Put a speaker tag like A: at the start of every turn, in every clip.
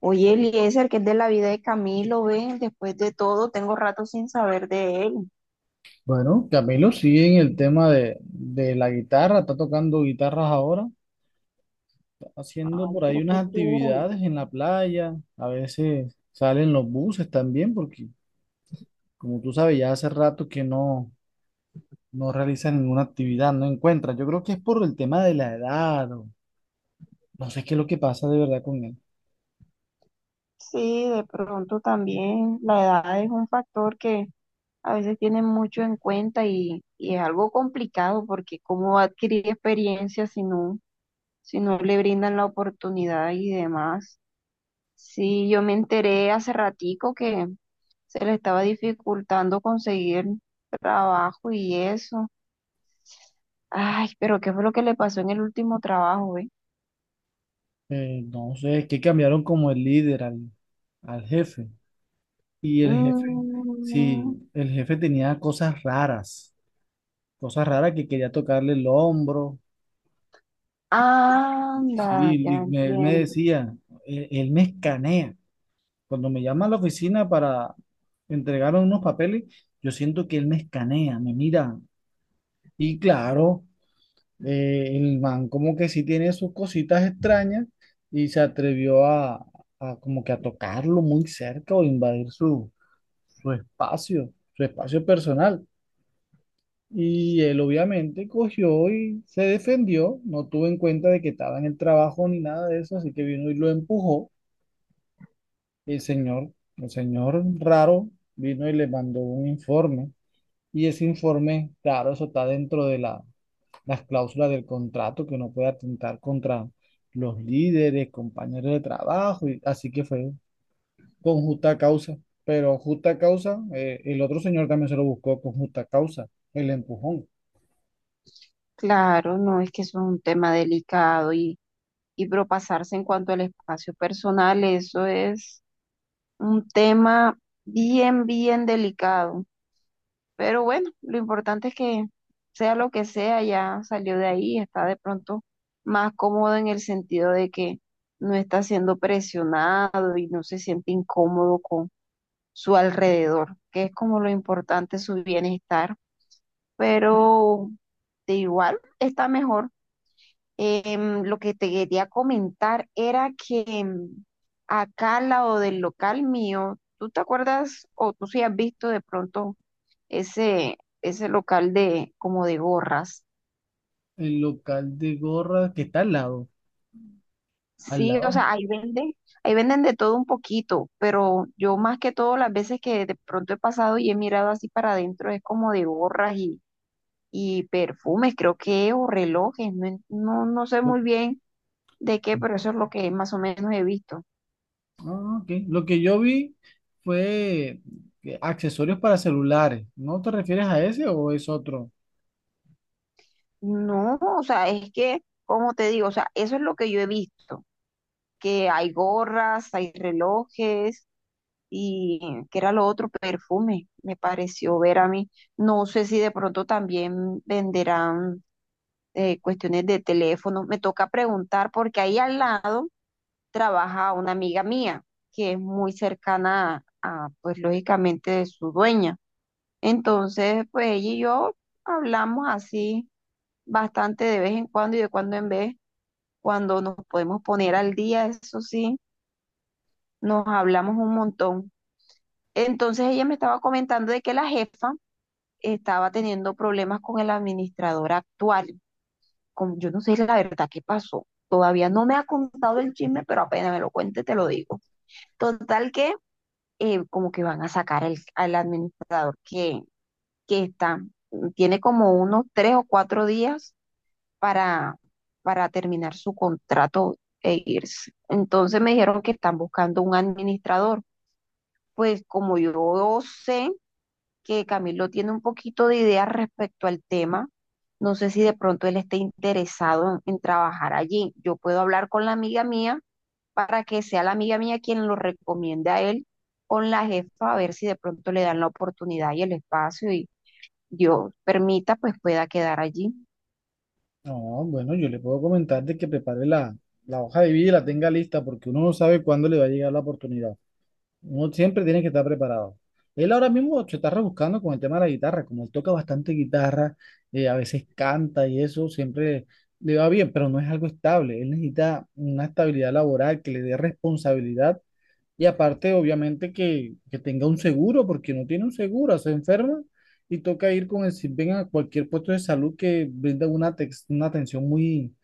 A: Oye, Eliezer, que es de la vida de Camilo, ven, después de todo, tengo rato sin saber de él.
B: Bueno, Camilo sigue en el tema de la guitarra, está tocando guitarras ahora, está haciendo
A: Ay,
B: por ahí
A: pero qué
B: unas
A: chévere.
B: actividades en la playa, a veces salen los buses también, porque como tú sabes, ya hace rato que no realiza ninguna actividad, no encuentra. Yo creo que es por el tema de la edad, o no sé qué es lo que pasa de verdad con él.
A: Sí, de pronto también la edad es un factor que a veces tienen mucho en cuenta y es algo complicado porque cómo va a adquirir experiencia si no, si no le brindan la oportunidad y demás. Sí, yo me enteré hace ratico que se le estaba dificultando conseguir trabajo y eso. Ay, pero ¿qué fue lo que le pasó en el último trabajo,
B: No sé, es que cambiaron como el líder al jefe, y el jefe,
A: Mm,
B: sí, el jefe tenía cosas raras, cosas raras que quería tocarle el hombro.
A: anda,
B: Sí,
A: ya
B: y él me
A: entiendo.
B: decía, él me escanea. Cuando me llama a la oficina para entregar unos papeles, yo siento que él me escanea, me mira. Y claro, el man como que sí tiene sus cositas extrañas y se atrevió a como que a tocarlo muy cerca o invadir su espacio personal. Y él obviamente cogió y se defendió, no tuvo en cuenta de que estaba en el trabajo ni nada de eso, así que vino y lo empujó. El señor, el señor raro, vino y le mandó un informe. Y ese informe, claro, eso está dentro de las cláusulas del contrato, que no puede atentar contra los líderes, compañeros de trabajo, y, así que fue con justa causa. Pero justa causa, el otro señor también se lo buscó con justa causa, el empujón.
A: Claro, no, es que eso es un tema delicado y propasarse en cuanto al espacio personal, eso es un tema bien, bien delicado. Pero bueno, lo importante es que sea lo que sea, ya salió de ahí, está de pronto más cómodo en el sentido de que no está siendo presionado y no se siente incómodo su alrededor, que es como lo importante, su bienestar, pero de igual está mejor. Lo que te quería comentar era que acá al lado del local mío, ¿tú te acuerdas o tú sí has visto de pronto ese local de como de gorras?
B: El local de gorra que está al lado. Al
A: Sí, o
B: lado.
A: sea, ahí venden de todo un poquito, pero yo más que todo las veces que de pronto he pasado y he mirado así para adentro es como de gorras y perfumes, creo que, o relojes, no, no, no sé
B: Lo-
A: muy bien de qué, pero eso es lo que más o menos he visto.
B: Ah, ok. Lo que yo vi fue accesorios para celulares. ¿No te refieres a ese o es otro?
A: No, o sea, es que, como te digo, o sea, eso es lo que yo he visto, que hay gorras, hay relojes y que era lo otro, perfume, me pareció ver a mí. No sé si de pronto también venderán cuestiones de teléfono, me toca preguntar porque ahí al lado trabaja una amiga mía que es muy cercana a, pues lógicamente, de su dueña. Entonces, pues ella y yo hablamos así bastante de vez en cuando y de cuando en vez, cuando nos podemos poner al día, eso sí, nos hablamos un montón. Entonces ella me estaba comentando de que la jefa estaba teniendo problemas con el administrador actual. Con, yo no sé la verdad qué pasó. Todavía no me ha contado el chisme, pero apenas me lo cuente, te lo digo. Total que como que van a sacar al administrador que está, tiene como unos tres o cuatro días para, para terminar su contrato e irse. Entonces me dijeron que están buscando un administrador. Pues como yo sé que Camilo tiene un poquito de idea respecto al tema, no sé si de pronto él esté interesado en trabajar allí. Yo puedo hablar con la amiga mía para que sea la amiga mía quien lo recomiende a él con la jefa, a ver si de pronto le dan la oportunidad y el espacio y Dios permita, pues pueda quedar allí.
B: No, bueno, yo le puedo comentar de que prepare la hoja de vida y la tenga lista porque uno no sabe cuándo le va a llegar la oportunidad. Uno siempre tiene que estar preparado. Él ahora mismo se está rebuscando con el tema de la guitarra, como él toca bastante guitarra, a veces canta y eso, siempre le va bien, pero no es algo estable. Él necesita una estabilidad laboral que le dé responsabilidad y aparte, obviamente, que tenga un seguro, porque no tiene un seguro, se enferma y toca ir con el SISBEN a cualquier puesto de salud que brinda una atención muy,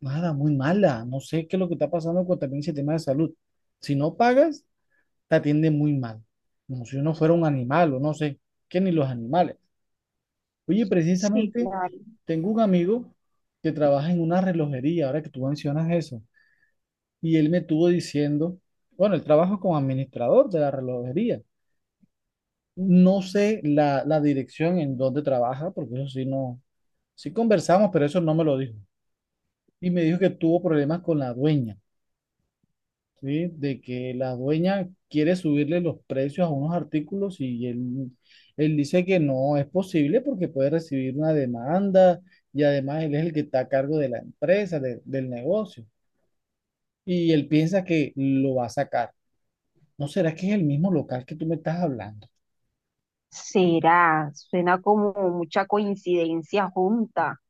B: nada, muy mala. No sé qué es lo que está pasando con también ese tema de salud. Si no pagas te atienden muy mal, como si uno fuera un animal o no sé, que ni los animales. Oye,
A: Sí,
B: precisamente
A: claro.
B: tengo un amigo que trabaja en una relojería, ahora que tú mencionas eso, y él me estuvo diciendo, bueno, él trabaja como administrador de la relojería. No sé la dirección en donde trabaja, porque eso sí no, sí conversamos, pero eso no me lo dijo. Y me dijo que tuvo problemas con la dueña, ¿sí? De que la dueña quiere subirle los precios a unos artículos y él dice que no es posible porque puede recibir una demanda y además él es el que está a cargo de la empresa, del negocio. Y él piensa que lo va a sacar. ¿No será que es el mismo local que tú me estás hablando?
A: Será, suena como mucha coincidencia junta.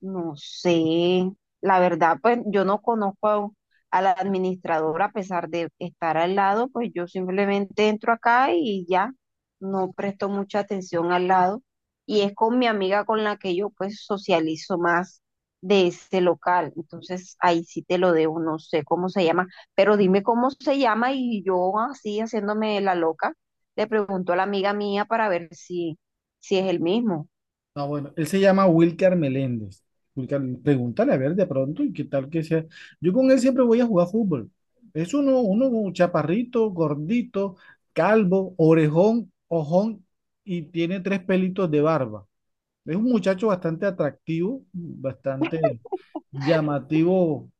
A: No sé, la verdad, pues yo no conozco a la administradora a pesar de estar al lado, pues yo simplemente entro acá y ya no presto mucha atención al lado. Y es con mi amiga con la que yo pues socializo más de ese local. Entonces ahí sí te lo debo, no sé cómo se llama, pero dime cómo se llama y yo así haciéndome la loca, le pregunto a la amiga mía para ver si, si es el mismo.
B: Ah, bueno, él se llama Wilcar Meléndez. Wilcar, pregúntale a ver de pronto y qué tal que sea. Yo con él siempre voy a jugar fútbol. Es uno chaparrito, gordito, calvo, orejón, ojón y tiene tres pelitos de barba. Es un muchacho bastante atractivo, bastante llamativo.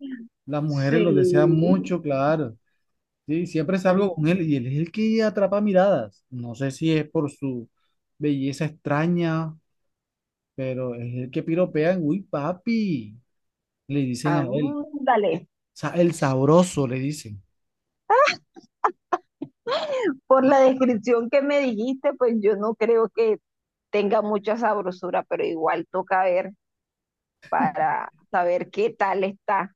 B: Las mujeres
A: Sí,
B: lo desean mucho, claro. Sí, siempre salgo con él y él es el que atrapa miradas. No sé si es por su belleza extraña, pero es el que piropean, uy, papi, le dicen a él.
A: ándale,
B: El sabroso, le dicen.
A: por la descripción que me dijiste, pues yo no creo que tenga mucha sabrosura, pero igual toca ver para saber qué tal está.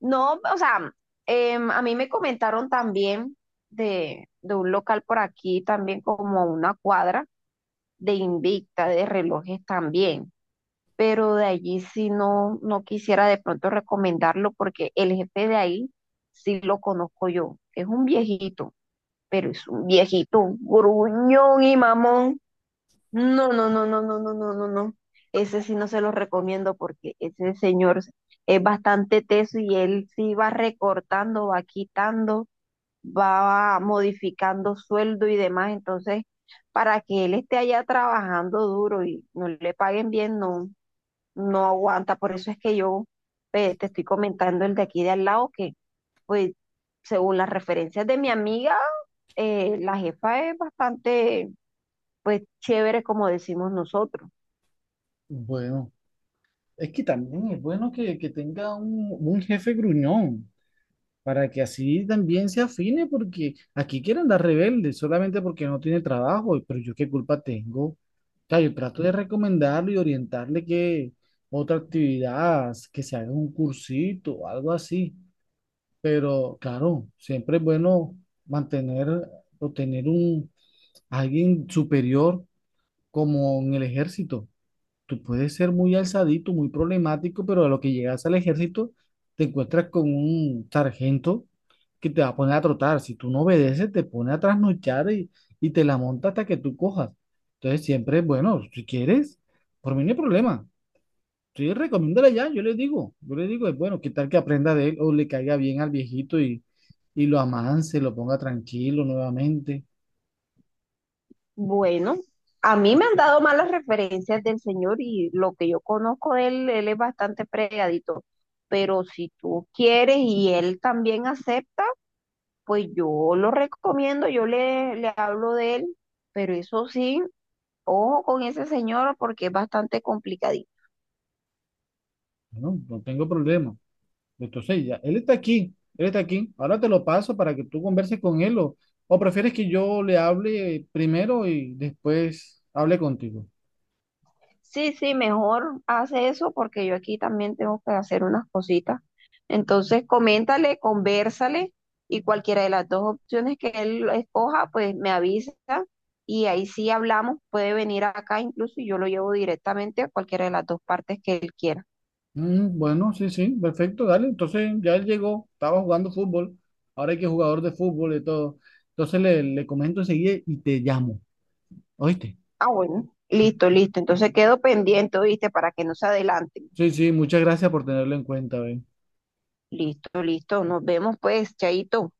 A: No, o sea, a mí me comentaron también de un local por aquí, también como a una cuadra de Invicta, de relojes también, pero de allí sí no, no quisiera de pronto recomendarlo porque el jefe de ahí sí lo conozco yo, es un viejito pero es un viejito gruñón y mamón. No, no, no, no, no, no, no, no, no. Ese sí no se lo recomiendo porque ese señor es bastante teso y él sí va recortando, va quitando, va modificando sueldo y demás. Entonces, para que él esté allá trabajando duro y no le paguen bien, no, no aguanta. Por eso es que yo te estoy comentando el de aquí de al lado que, pues, según las referencias de mi amiga, la jefa es bastante, pues, chévere, como decimos nosotros.
B: Bueno, es que también es bueno que tenga un jefe gruñón, para que así también se afine, porque aquí quieren andar rebelde solamente porque no tiene trabajo, pero yo qué culpa tengo. O sea, yo trato de recomendarle y orientarle que otra actividad, que se haga un cursito o algo así. Pero claro, siempre es bueno mantener o tener un alguien superior como en el ejército. Tú puedes ser muy alzadito, muy problemático, pero a lo que llegas al ejército te encuentras con un sargento que te va a poner a trotar. Si tú no obedeces, te pone a trasnochar y te la monta hasta que tú cojas. Entonces siempre, bueno, si quieres, por mí no hay problema. Sí, recomiéndale ya, yo le digo, es bueno, qué tal que aprenda de él o le caiga bien al viejito y lo amance, lo ponga tranquilo nuevamente.
A: Bueno, a mí me han dado malas referencias del señor y lo que yo conozco de él, él es bastante pregadito. Pero si tú quieres y él también acepta, pues yo lo recomiendo, yo le, le hablo de él. Pero eso sí, ojo con ese señor porque es bastante complicadito.
B: No, no tengo problema. Entonces ya, él está aquí. Ahora te lo paso para que tú converses con él o prefieres que yo le hable primero y después hable contigo.
A: Sí, sí, mejor hace eso porque yo aquí también tengo que hacer unas cositas. Entonces, coméntale, conversale y cualquiera de las dos opciones que él escoja, pues me avisa y ahí sí hablamos. Puede venir acá incluso y yo lo llevo directamente a cualquiera de las dos partes que él quiera.
B: Mm, bueno, sí, sí, perfecto, dale. Entonces ya él llegó, estaba jugando fútbol, ahora hay que jugador de fútbol y todo. Entonces le comento enseguida y te llamo, ¿oíste?
A: Ah, bueno, listo, listo. Entonces quedo pendiente, ¿viste? Para que no se adelanten.
B: Sí, sí, muchas gracias por tenerlo en cuenta, ve.
A: Listo, listo. Nos vemos pues, Chaito.